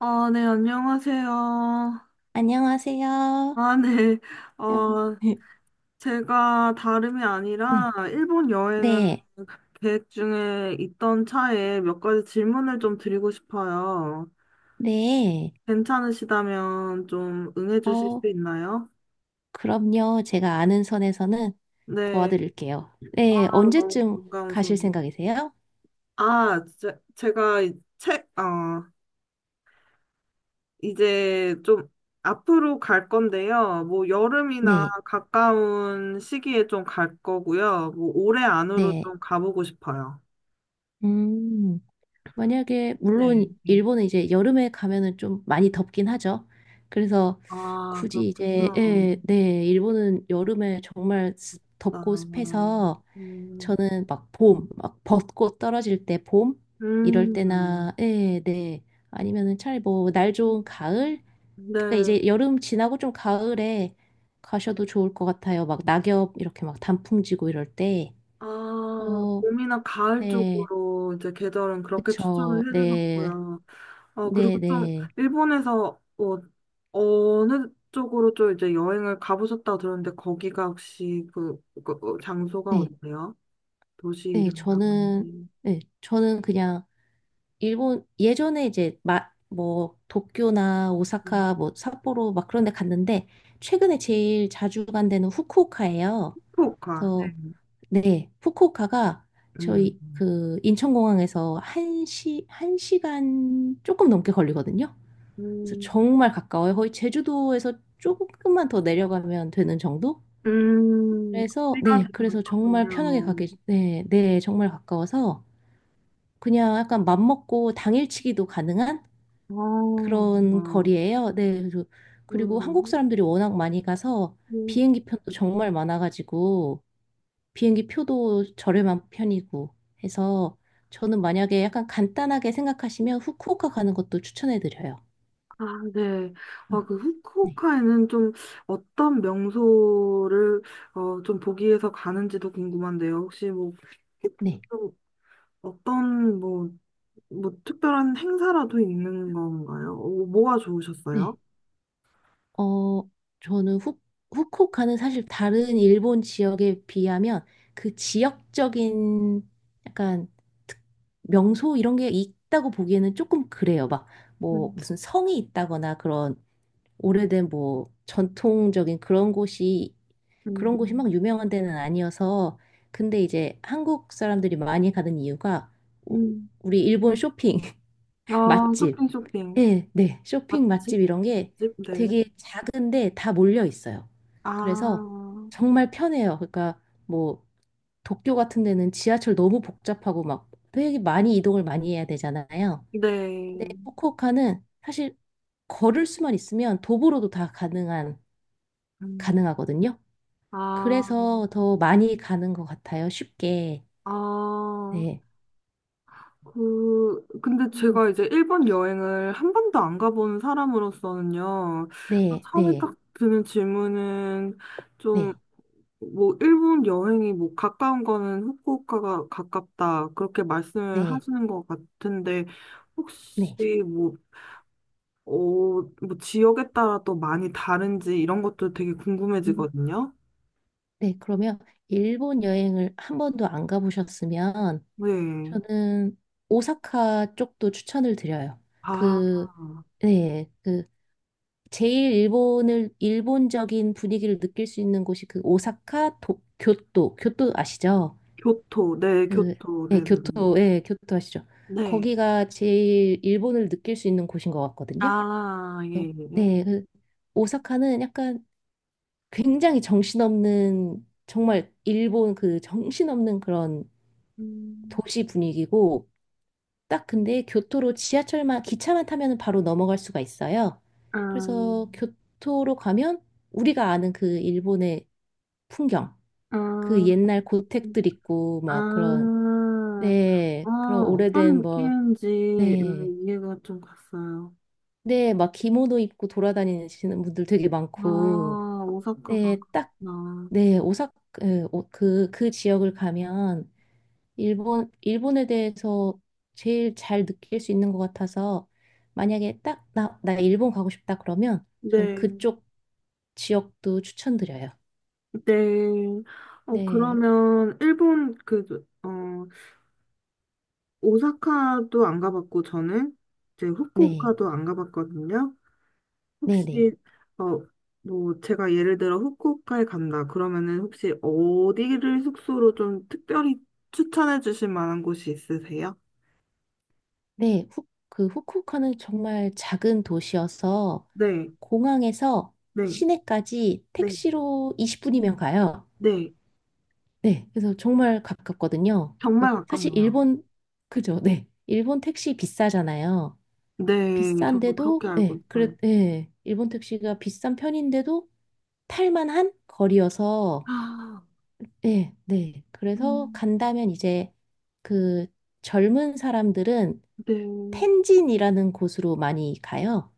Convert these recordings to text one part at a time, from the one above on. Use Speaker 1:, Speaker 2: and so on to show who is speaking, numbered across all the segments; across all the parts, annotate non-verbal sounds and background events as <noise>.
Speaker 1: 네, 안녕하세요.
Speaker 2: 안녕하세요.
Speaker 1: 아, 네.
Speaker 2: 요.
Speaker 1: 어,
Speaker 2: <laughs>
Speaker 1: 제가 다름이
Speaker 2: 네,
Speaker 1: 아니라 일본 여행을
Speaker 2: 네,
Speaker 1: 계획 중에 있던 차에 몇 가지 질문을 좀 드리고 싶어요.
Speaker 2: 네.
Speaker 1: 괜찮으시다면 좀 응해 주실
Speaker 2: 어,
Speaker 1: 수 있나요?
Speaker 2: 그럼요. 제가 아는 선에서는
Speaker 1: 네.
Speaker 2: 도와드릴게요.
Speaker 1: 아,
Speaker 2: 네,
Speaker 1: 너무
Speaker 2: 언제쯤
Speaker 1: 반가운
Speaker 2: 가실
Speaker 1: 소리.
Speaker 2: 생각이세요?
Speaker 1: 제가 이 책, 이제 좀 앞으로 갈 건데요. 뭐 여름이나
Speaker 2: 네,
Speaker 1: 가까운 시기에 좀 갈 거고요. 뭐 올해 안으로
Speaker 2: 네.
Speaker 1: 좀 가보고 싶어요.
Speaker 2: 음, 만약에, 물론,
Speaker 1: 네. 네.
Speaker 2: 일본은 이제 여름에 가면은 좀 많이 덥긴 하죠. 그래서
Speaker 1: 아,
Speaker 2: 굳이 이제,
Speaker 1: 그렇군요.
Speaker 2: 예, 네, 일본은 여름에 정말
Speaker 1: 아,
Speaker 2: 덥고 습해서
Speaker 1: 음,
Speaker 2: 저는 막 봄, 막 벚꽃 떨어질 때 봄? 이럴
Speaker 1: 음,
Speaker 2: 때나, 네, 네. 아니면은 차라리 뭐, 날 좋은 가을? 그러니까
Speaker 1: 네.
Speaker 2: 이제 여름 지나고 좀 가을에 가셔도 좋을 것 같아요. 막 낙엽 이렇게 막 단풍 지고 이럴 때.
Speaker 1: 아,
Speaker 2: 어,
Speaker 1: 봄이나 가을
Speaker 2: 네.
Speaker 1: 쪽으로 이제 계절은 그렇게
Speaker 2: 그쵸.
Speaker 1: 추천을
Speaker 2: 네.
Speaker 1: 해주셨고요.
Speaker 2: 네,
Speaker 1: 그리고 좀
Speaker 2: 네.
Speaker 1: 일본에서 어느 쪽으로 좀 이제 여행을 가보셨다고 들었는데 거기가 혹시 장소가
Speaker 2: 네.
Speaker 1: 어디세요? 도시
Speaker 2: 네.
Speaker 1: 이름이라든지.
Speaker 2: 네. 저는 그냥 일본 예전에 이제 뭐 도쿄나
Speaker 1: 음,
Speaker 2: 오사카 뭐 삿포로 막 그런 데 갔는데 최근에 제일 자주 간 데는 후쿠오카예요.
Speaker 1: 후쿠오카.
Speaker 2: 그래서
Speaker 1: 네.
Speaker 2: 네, 후쿠오카가
Speaker 1: 음.
Speaker 2: 저희 그 인천공항에서 한시한시간 조금 넘게 걸리거든요. 그래서
Speaker 1: 음.
Speaker 2: 정말 가까워요. 거의 제주도에서 조금만 더 내려가면 되는 정도? 그래서
Speaker 1: 거리가
Speaker 2: 네,
Speaker 1: 되게
Speaker 2: 그래서 정말 편하게
Speaker 1: 가깝군요.
Speaker 2: 가게 네, 네, 정말 가까워서 그냥 약간 맘 먹고 당일치기도 가능한
Speaker 1: 아,
Speaker 2: 그런
Speaker 1: 아.
Speaker 2: 거리예요. 네. 그래서- 그리고 한국
Speaker 1: 음.
Speaker 2: 사람들이 워낙 많이 가서
Speaker 1: 음.
Speaker 2: 비행기 편도 정말 많아가지고 비행기 표도 저렴한 편이고 해서 저는 만약에 약간 간단하게 생각하시면 후쿠오카 가는 것도 추천해드려요.
Speaker 1: 아, 네.
Speaker 2: 어,
Speaker 1: 아, 그
Speaker 2: 네.
Speaker 1: 후쿠오카에는 좀 어떤 명소를 좀 보기 위해서 가는지도 궁금한데요. 혹시 그
Speaker 2: 네.
Speaker 1: 좀 어떤 뭐, 뭐 특별한 행사라도 있는 건가요? 뭐가
Speaker 2: 네.
Speaker 1: 좋으셨어요?
Speaker 2: 어, 저는 후쿠오카는 사실 다른 일본 지역에 비하면 그 지역적인 약간 특- 명소 이런 게 있다고 보기에는 조금 그래요. 막 뭐
Speaker 1: 음,
Speaker 2: 무슨 성이 있다거나 그런 오래된 뭐 전통적인
Speaker 1: 음.
Speaker 2: 그런 곳이 막 유명한 데는 아니어서 근데 이제 한국 사람들이 많이 가는 이유가 우-
Speaker 1: 음.
Speaker 2: 우리 일본 쇼핑
Speaker 1: 아,
Speaker 2: 맛집.
Speaker 1: 쇼핑, 쇼핑.
Speaker 2: 예, 네. 쇼핑 맛집
Speaker 1: 맛집?
Speaker 2: 이런 게
Speaker 1: 맛집? 네.
Speaker 2: 되게 작은데 다 몰려 있어요.
Speaker 1: 아,
Speaker 2: 그래서 정말 편해요. 그러니까 뭐 도쿄 같은 데는 지하철 너무 복잡하고 막 되게 많이 이동을 많이 해야 되잖아요. 근데
Speaker 1: 네.
Speaker 2: 후쿠오카는 사실 걸을 수만 있으면 도보로도 다 가능한
Speaker 1: 음.
Speaker 2: 가능하거든요.
Speaker 1: 아,
Speaker 2: 그래서 더 많이 가는 것 같아요. 쉽게.
Speaker 1: 아.
Speaker 2: 네.
Speaker 1: 그, 근데
Speaker 2: 음,
Speaker 1: 제가 이제 일본 여행을 한 번도 안 가본 사람으로서는요,
Speaker 2: 네,
Speaker 1: 처음에
Speaker 2: 네,
Speaker 1: 딱 드는 질문은 좀,
Speaker 2: 네,
Speaker 1: 뭐, 일본 여행이 뭐, 가까운 거는 후쿠오카가 가깝다, 그렇게 말씀을
Speaker 2: 네,
Speaker 1: 하시는 것 같은데, 혹시
Speaker 2: 네.
Speaker 1: 뭐, 어, 뭐, 지역에 따라 또 많이 다른지 이런 것도 되게
Speaker 2: 음.
Speaker 1: 궁금해지거든요.
Speaker 2: 네, 그러면 일본 여행을 한 번도 안 가보셨으면
Speaker 1: 네.
Speaker 2: 저는 오사카 쪽도 추천을 드려요.
Speaker 1: 아,
Speaker 2: 그, 네, 그 제일 일본을 일본적인 분위기를 느낄 수 있는 곳이 그 오사카 교토, 교토 아시죠?
Speaker 1: 교토, 네,
Speaker 2: 그,
Speaker 1: 교토,
Speaker 2: 네,
Speaker 1: 네, 네.
Speaker 2: 교토, 예, 교토 아시죠?
Speaker 1: 네.
Speaker 2: 거기가 제일 일본을 느낄 수 있는 곳인 것 같거든요.
Speaker 1: 아,
Speaker 2: 그래서
Speaker 1: 예, 예.
Speaker 2: 네, 그 오사카는 약간 굉장히 정신없는 정말 일본 그 정신없는 그런
Speaker 1: 음,
Speaker 2: 도시 분위기고 딱 근데 교토로 지하철만 기차만 타면 바로 넘어갈 수가 있어요.
Speaker 1: 아,
Speaker 2: 그래서 교토로 가면 우리가 아는 그 일본의 풍경,
Speaker 1: 아,
Speaker 2: 그 옛날 고택들 있고 막 그런
Speaker 1: 아,
Speaker 2: 네 그런
Speaker 1: 아, 어떤
Speaker 2: 오래된
Speaker 1: 느낌인지 이해가 좀 갔어요.
Speaker 2: 뭐 네 네 막 기모노 입고 돌아다니시는 분들 되게 많고
Speaker 1: 아, 오사카가
Speaker 2: 네딱네
Speaker 1: 그렇구나.
Speaker 2: 오사카 그그 지역을 가면 일본에 대해서 제일 잘 느낄 수 있는 것 같아서 만약에 딱 나 일본 가고 싶다 그러면 전
Speaker 1: 네,
Speaker 2: 그쪽 지역도 추천드려요.
Speaker 1: 네.
Speaker 2: 네,
Speaker 1: 그러면 일본 오사카도 안 가봤고 저는 이제
Speaker 2: 네,
Speaker 1: 후쿠오카도 안 가봤거든요.
Speaker 2: 네, 네.
Speaker 1: 혹시 어, 뭐 제가 예를 들어 후쿠오카에 간다. 그러면은 혹시 어디를 숙소로 좀 특별히 추천해 주실 만한 곳이 있으세요?
Speaker 2: 네, 그 후쿠오카는 정말 작은 도시여서
Speaker 1: 네,
Speaker 2: 공항에서
Speaker 1: 네,
Speaker 2: 시내까지
Speaker 1: 네,
Speaker 2: 택시로 20분이면 가요.
Speaker 1: 네.
Speaker 2: 네, 그래서 정말 가깝거든요.
Speaker 1: 정말
Speaker 2: 그래서 사실
Speaker 1: 가깝네요.
Speaker 2: 일본, 그죠? 네. 일본 택시 비싸잖아요.
Speaker 1: 네, 저도 그렇게
Speaker 2: 비싼데도,
Speaker 1: 알고
Speaker 2: 예,
Speaker 1: 있어요.
Speaker 2: 그래, 예, 일본 택시가 비싼 편인데도 탈만한 거리여서,
Speaker 1: 아,
Speaker 2: 예, 네. 그래서
Speaker 1: 음,
Speaker 2: 간다면 이제 그 젊은 사람들은
Speaker 1: 네,
Speaker 2: 텐진이라는 곳으로 많이 가요.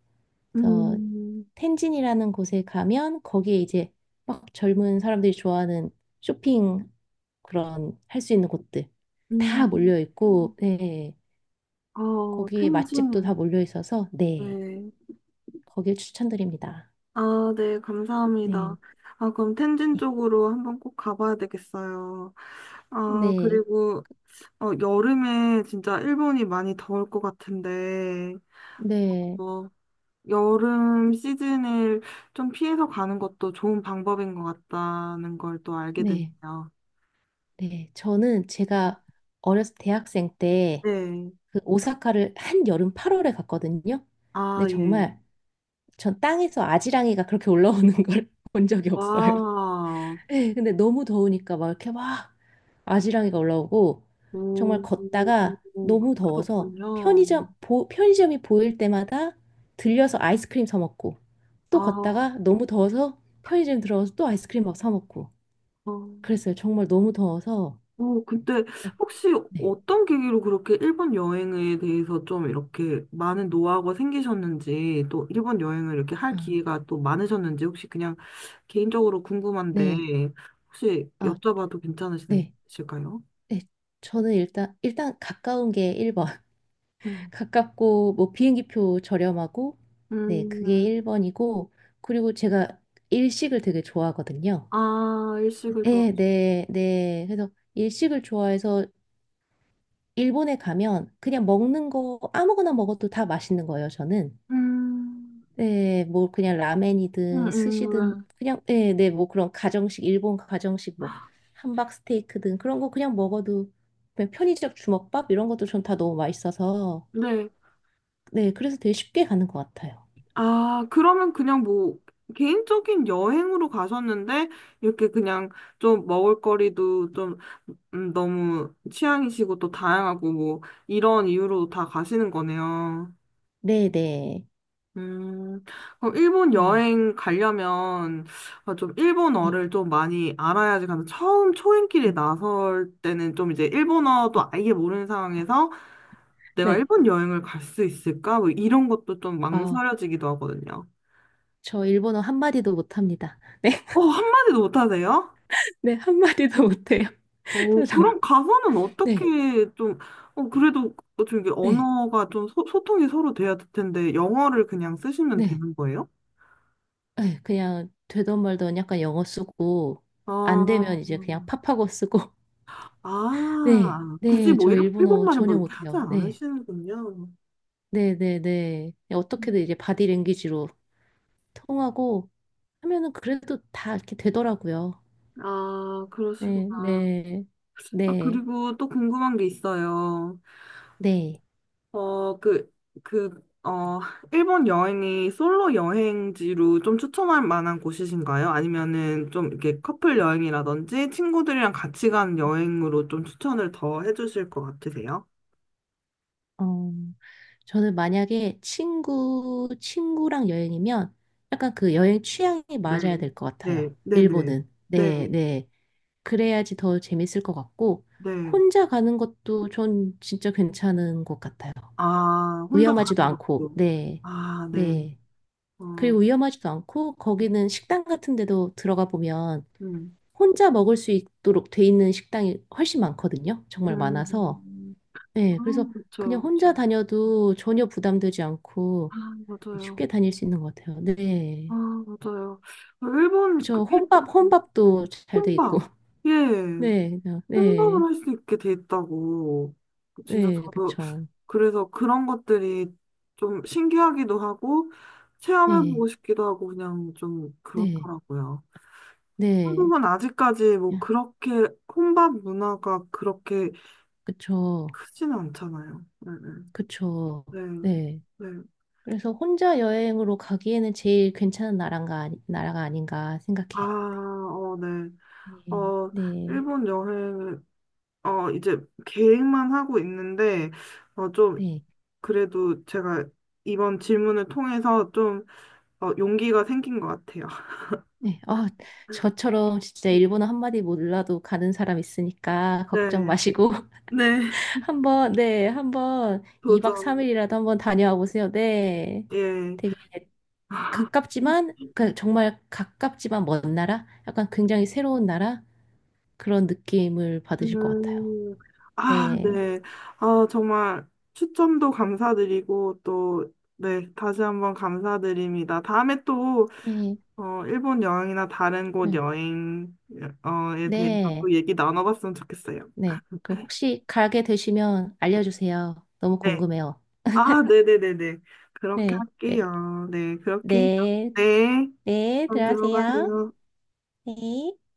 Speaker 2: 그래서
Speaker 1: 음,
Speaker 2: 텐진이라는 곳에 가면 거기에 이제 막 젊은 사람들이 좋아하는 쇼핑 그런 할 수 있는 곳들 다
Speaker 1: 음,
Speaker 2: 몰려 있고, 네.
Speaker 1: 아,
Speaker 2: 거기에 맛집도 다
Speaker 1: 텐진이요.
Speaker 2: 몰려 있어서, 네.
Speaker 1: 네.
Speaker 2: 거길 추천드립니다.
Speaker 1: 아, 네, 감사합니다.
Speaker 2: 네.
Speaker 1: 아, 그럼 텐진
Speaker 2: 네.
Speaker 1: 쪽으로 한번 꼭 가봐야 되겠어요. 아,
Speaker 2: 네,
Speaker 1: 그리고 여름에 진짜 일본이 많이 더울 것 같은데,
Speaker 2: 네,
Speaker 1: 어, 여름 시즌을 좀 피해서 가는 것도 좋은 방법인 것 같다는 걸 또 알게
Speaker 2: 네,
Speaker 1: 됐네요.
Speaker 2: 네. 저는 제가 어렸을 때 대학생 때
Speaker 1: 네.
Speaker 2: 그 오사카를 한 여름 8월에 갔거든요.
Speaker 1: 아,
Speaker 2: 근데
Speaker 1: 예.
Speaker 2: 정말 전 땅에서 아지랑이가 그렇게 올라오는 걸 <laughs> 본 적이 없어요.
Speaker 1: 와,
Speaker 2: 네, 근데 너무 더우니까 막 이렇게 막 아지랑이가 올라오고 정말
Speaker 1: 오,
Speaker 2: 걷다가 너무
Speaker 1: 그렇게
Speaker 2: 더워서
Speaker 1: 덥군요.
Speaker 2: 편의점이 보일 때마다 들려서 아이스크림 사 먹고 또
Speaker 1: 아,
Speaker 2: 걷다가 너무 더워서 편의점 들어가서 또 아이스크림 막 사 먹고
Speaker 1: 어,
Speaker 2: 그랬어요. 정말 너무 더워서.
Speaker 1: 오, 근데
Speaker 2: 어,
Speaker 1: 혹시
Speaker 2: 네.
Speaker 1: 어떤 계기로 그렇게 일본 여행에 대해서 좀 이렇게 많은 노하우가 생기셨는지, 또 일본 여행을 이렇게 할
Speaker 2: 아,
Speaker 1: 기회가 또 많으셨는지, 혹시 그냥 개인적으로 궁금한데,
Speaker 2: 네.
Speaker 1: 혹시
Speaker 2: 아,
Speaker 1: 여쭤봐도
Speaker 2: 네.
Speaker 1: 괜찮으실까요?
Speaker 2: 네. 저는 일단 가까운 게 1번. <laughs>
Speaker 1: 음.
Speaker 2: 가깝고 뭐 비행기표 저렴하고 네, 그게
Speaker 1: 음,
Speaker 2: 1번이고 그리고 제가 일식을 되게 좋아하거든요.
Speaker 1: 아, 일식을
Speaker 2: 네,
Speaker 1: 좋아하죠.
Speaker 2: 네, 네. 그래서 일식을 좋아해서 일본에 가면 그냥 먹는 거 아무거나 먹어도 다 맛있는 거예요, 저는.
Speaker 1: 음,
Speaker 2: 네, 뭐 그냥
Speaker 1: 음,
Speaker 2: 라멘이든 스시든
Speaker 1: 음,
Speaker 2: 그냥 네, 네, 뭐 그런 가정식 일본 가정식 뭐 함박 스테이크든 그런 거 그냥 먹어도 그냥 편의점 주먹밥 이런 것도 전 다 너무 맛있어서
Speaker 1: 네. 네.
Speaker 2: 네, 그래서 되게 쉽게 가는 것 같아요.
Speaker 1: 아, 그러면 그냥 뭐, 개인적인 여행으로 가셨는데, 이렇게 그냥 좀 먹을거리도 좀 너무 취향이시고 또 다양하고 뭐, 이런 이유로 다 가시는 거네요.
Speaker 2: 네, 네.
Speaker 1: 음, 그럼 일본
Speaker 2: 네.
Speaker 1: 여행 가려면 아, 좀
Speaker 2: 네.
Speaker 1: 일본어를 좀 많이 알아야지 가는 처음 초행길에
Speaker 2: 음,
Speaker 1: 나설 때는 좀 이제
Speaker 2: 네.
Speaker 1: 일본어도 아예 모르는 상황에서 내가
Speaker 2: 네.
Speaker 1: 일본 여행을 갈 수 있을까? 뭐 이런 것도 좀
Speaker 2: 아,
Speaker 1: 망설여지기도 하거든요.
Speaker 2: 저 일본어 한마디도 못합니다. 네.
Speaker 1: 어, 한마디도 못하세요?
Speaker 2: <laughs> 네, 한마디도 못해요. <laughs> 저 정-
Speaker 1: 그럼 가서는
Speaker 2: 네.
Speaker 1: 어떻게 좀, 그래도 뭐 좀이
Speaker 2: 네.
Speaker 1: 언어가 좀 소통이 서로 돼야 될 텐데 영어를 그냥 쓰시면
Speaker 2: 네.
Speaker 1: 되는 거예요?
Speaker 2: 네. 그냥 되던 말던 약간 영어 쓰고 안 되면
Speaker 1: 아,
Speaker 2: 이제 그냥 팝하고 쓰고 네,
Speaker 1: 아, 굳이
Speaker 2: 네,
Speaker 1: 뭐
Speaker 2: 저
Speaker 1: 일런
Speaker 2: 일본어
Speaker 1: 일본말은 뭐
Speaker 2: 전혀
Speaker 1: 이렇게 하지
Speaker 2: 못해요. 네,
Speaker 1: 않으시는군요.
Speaker 2: 네, 네, 네. 어떻게든 이제 바디랭귀지로 통하고 하면은 그래도 다 이렇게 되더라고요.
Speaker 1: 아,
Speaker 2: 네,
Speaker 1: 그러시구나.
Speaker 2: 네,
Speaker 1: 아,
Speaker 2: 네,
Speaker 1: 그리고 또 궁금한 게 있어요.
Speaker 2: 네.
Speaker 1: 어, 그, 그, 어, 일본 여행이 솔로 여행지로 좀 추천할 만한 곳이신가요? 아니면은 좀 이렇게 커플 여행이라든지 친구들이랑 같이 간 여행으로 좀 추천을 더 해주실 것 같으세요?
Speaker 2: 어, 저는 만약에 친구랑 여행이면 약간 그 여행 취향이
Speaker 1: 네,
Speaker 2: 맞아야 될 것
Speaker 1: 네,
Speaker 2: 같아요.
Speaker 1: 네, 네,
Speaker 2: 일본은.
Speaker 1: 네,
Speaker 2: 네, 네. 그래야지 더 재밌을 것 같고,
Speaker 1: 네.
Speaker 2: 혼자 가는 것도 전 진짜 괜찮은 것 같아요.
Speaker 1: 아, 혼자
Speaker 2: 위험하지도
Speaker 1: 가는
Speaker 2: 않고,
Speaker 1: 것도.
Speaker 2: 네,
Speaker 1: 아, 네.
Speaker 2: 네.
Speaker 1: 어,
Speaker 2: 그리고 위험하지도 않고, 거기는 식당 같은 데도 들어가 보면
Speaker 1: 음,
Speaker 2: 혼자 먹을 수 있도록 돼 있는 식당이 훨씬 많거든요. 정말 많아서.
Speaker 1: 음, 아,
Speaker 2: 네, 그래서
Speaker 1: 그쵸,
Speaker 2: 그냥 혼자
Speaker 1: 그쵸.
Speaker 2: 다녀도 전혀 부담되지 않고
Speaker 1: 아, 맞아요.
Speaker 2: 쉽게 다닐 수 있는 것 같아요.
Speaker 1: 아,
Speaker 2: 네.
Speaker 1: 맞아요. 아, 일본 그
Speaker 2: 그쵸. 혼밥도 잘 돼 있고.
Speaker 1: 혼밥,
Speaker 2: <laughs>
Speaker 1: 예,
Speaker 2: 네,
Speaker 1: 혼밥을
Speaker 2: 네,
Speaker 1: 할 수 있게 돼 있다고. 진짜
Speaker 2: 네,
Speaker 1: 저도
Speaker 2: 그쵸.
Speaker 1: 그래서 그런 것들이 좀 신기하기도 하고
Speaker 2: 네,
Speaker 1: 체험해보고 싶기도 하고 그냥 좀
Speaker 2: 네,
Speaker 1: 그렇더라고요.
Speaker 2: 네.
Speaker 1: 한국은 아직까지 뭐 그렇게 혼밥 문화가 그렇게
Speaker 2: 그쵸.
Speaker 1: 크진 않잖아요. 네,
Speaker 2: 그쵸.
Speaker 1: 네, 네.
Speaker 2: 네.
Speaker 1: 네.
Speaker 2: 그래서 혼자 여행으로 가기에는 제일 괜찮은 나라가, 아니- 나라가 아닌가
Speaker 1: 아,
Speaker 2: 생각해요.
Speaker 1: 어, 네.
Speaker 2: 네.
Speaker 1: 어,
Speaker 2: 네.
Speaker 1: 일본 여행, 이제 계획만 하고 있는데, 어, 좀,
Speaker 2: 네.
Speaker 1: 그래도 제가 이번 질문을 통해서 좀, 용기가 생긴 것 같아요.
Speaker 2: 네. 어, 저처럼 진짜
Speaker 1: <laughs>
Speaker 2: 일본어 한마디 몰라도 가는 사람 있으니까 걱정
Speaker 1: 네,
Speaker 2: 마시고 <laughs>
Speaker 1: 네,
Speaker 2: 한번 2박
Speaker 1: 도전,
Speaker 2: 3일이라도 한번 다녀와 보세요. 네.
Speaker 1: 예.
Speaker 2: 되게 가깝지만 그 정말 가깝지만 먼 나라? 약간 굉장히 새로운 나라? 그런 느낌을 받으실 것 같아요.
Speaker 1: 음, 아,
Speaker 2: 네.
Speaker 1: 네. 아, 정말 추천도 감사드리고, 또, 네, 다시 한번 감사드립니다. 다음에 또,
Speaker 2: 네.
Speaker 1: 일본 여행이나 다른 곳
Speaker 2: 네.
Speaker 1: 여행, 어,에 대해서
Speaker 2: 네.
Speaker 1: 또 얘기 나눠봤으면 좋겠어요.
Speaker 2: 네. 그 혹시 가게 되시면 알려주세요. 너무
Speaker 1: 네.
Speaker 2: 궁금해요.
Speaker 1: 아, 네네네네. 그렇게
Speaker 2: 네, 네.
Speaker 1: 할게요. 네, 그렇게 해요.
Speaker 2: 네,
Speaker 1: 네,
Speaker 2: 네,
Speaker 1: 그럼
Speaker 2: 들어가세요.
Speaker 1: 들어가세요.
Speaker 2: 네.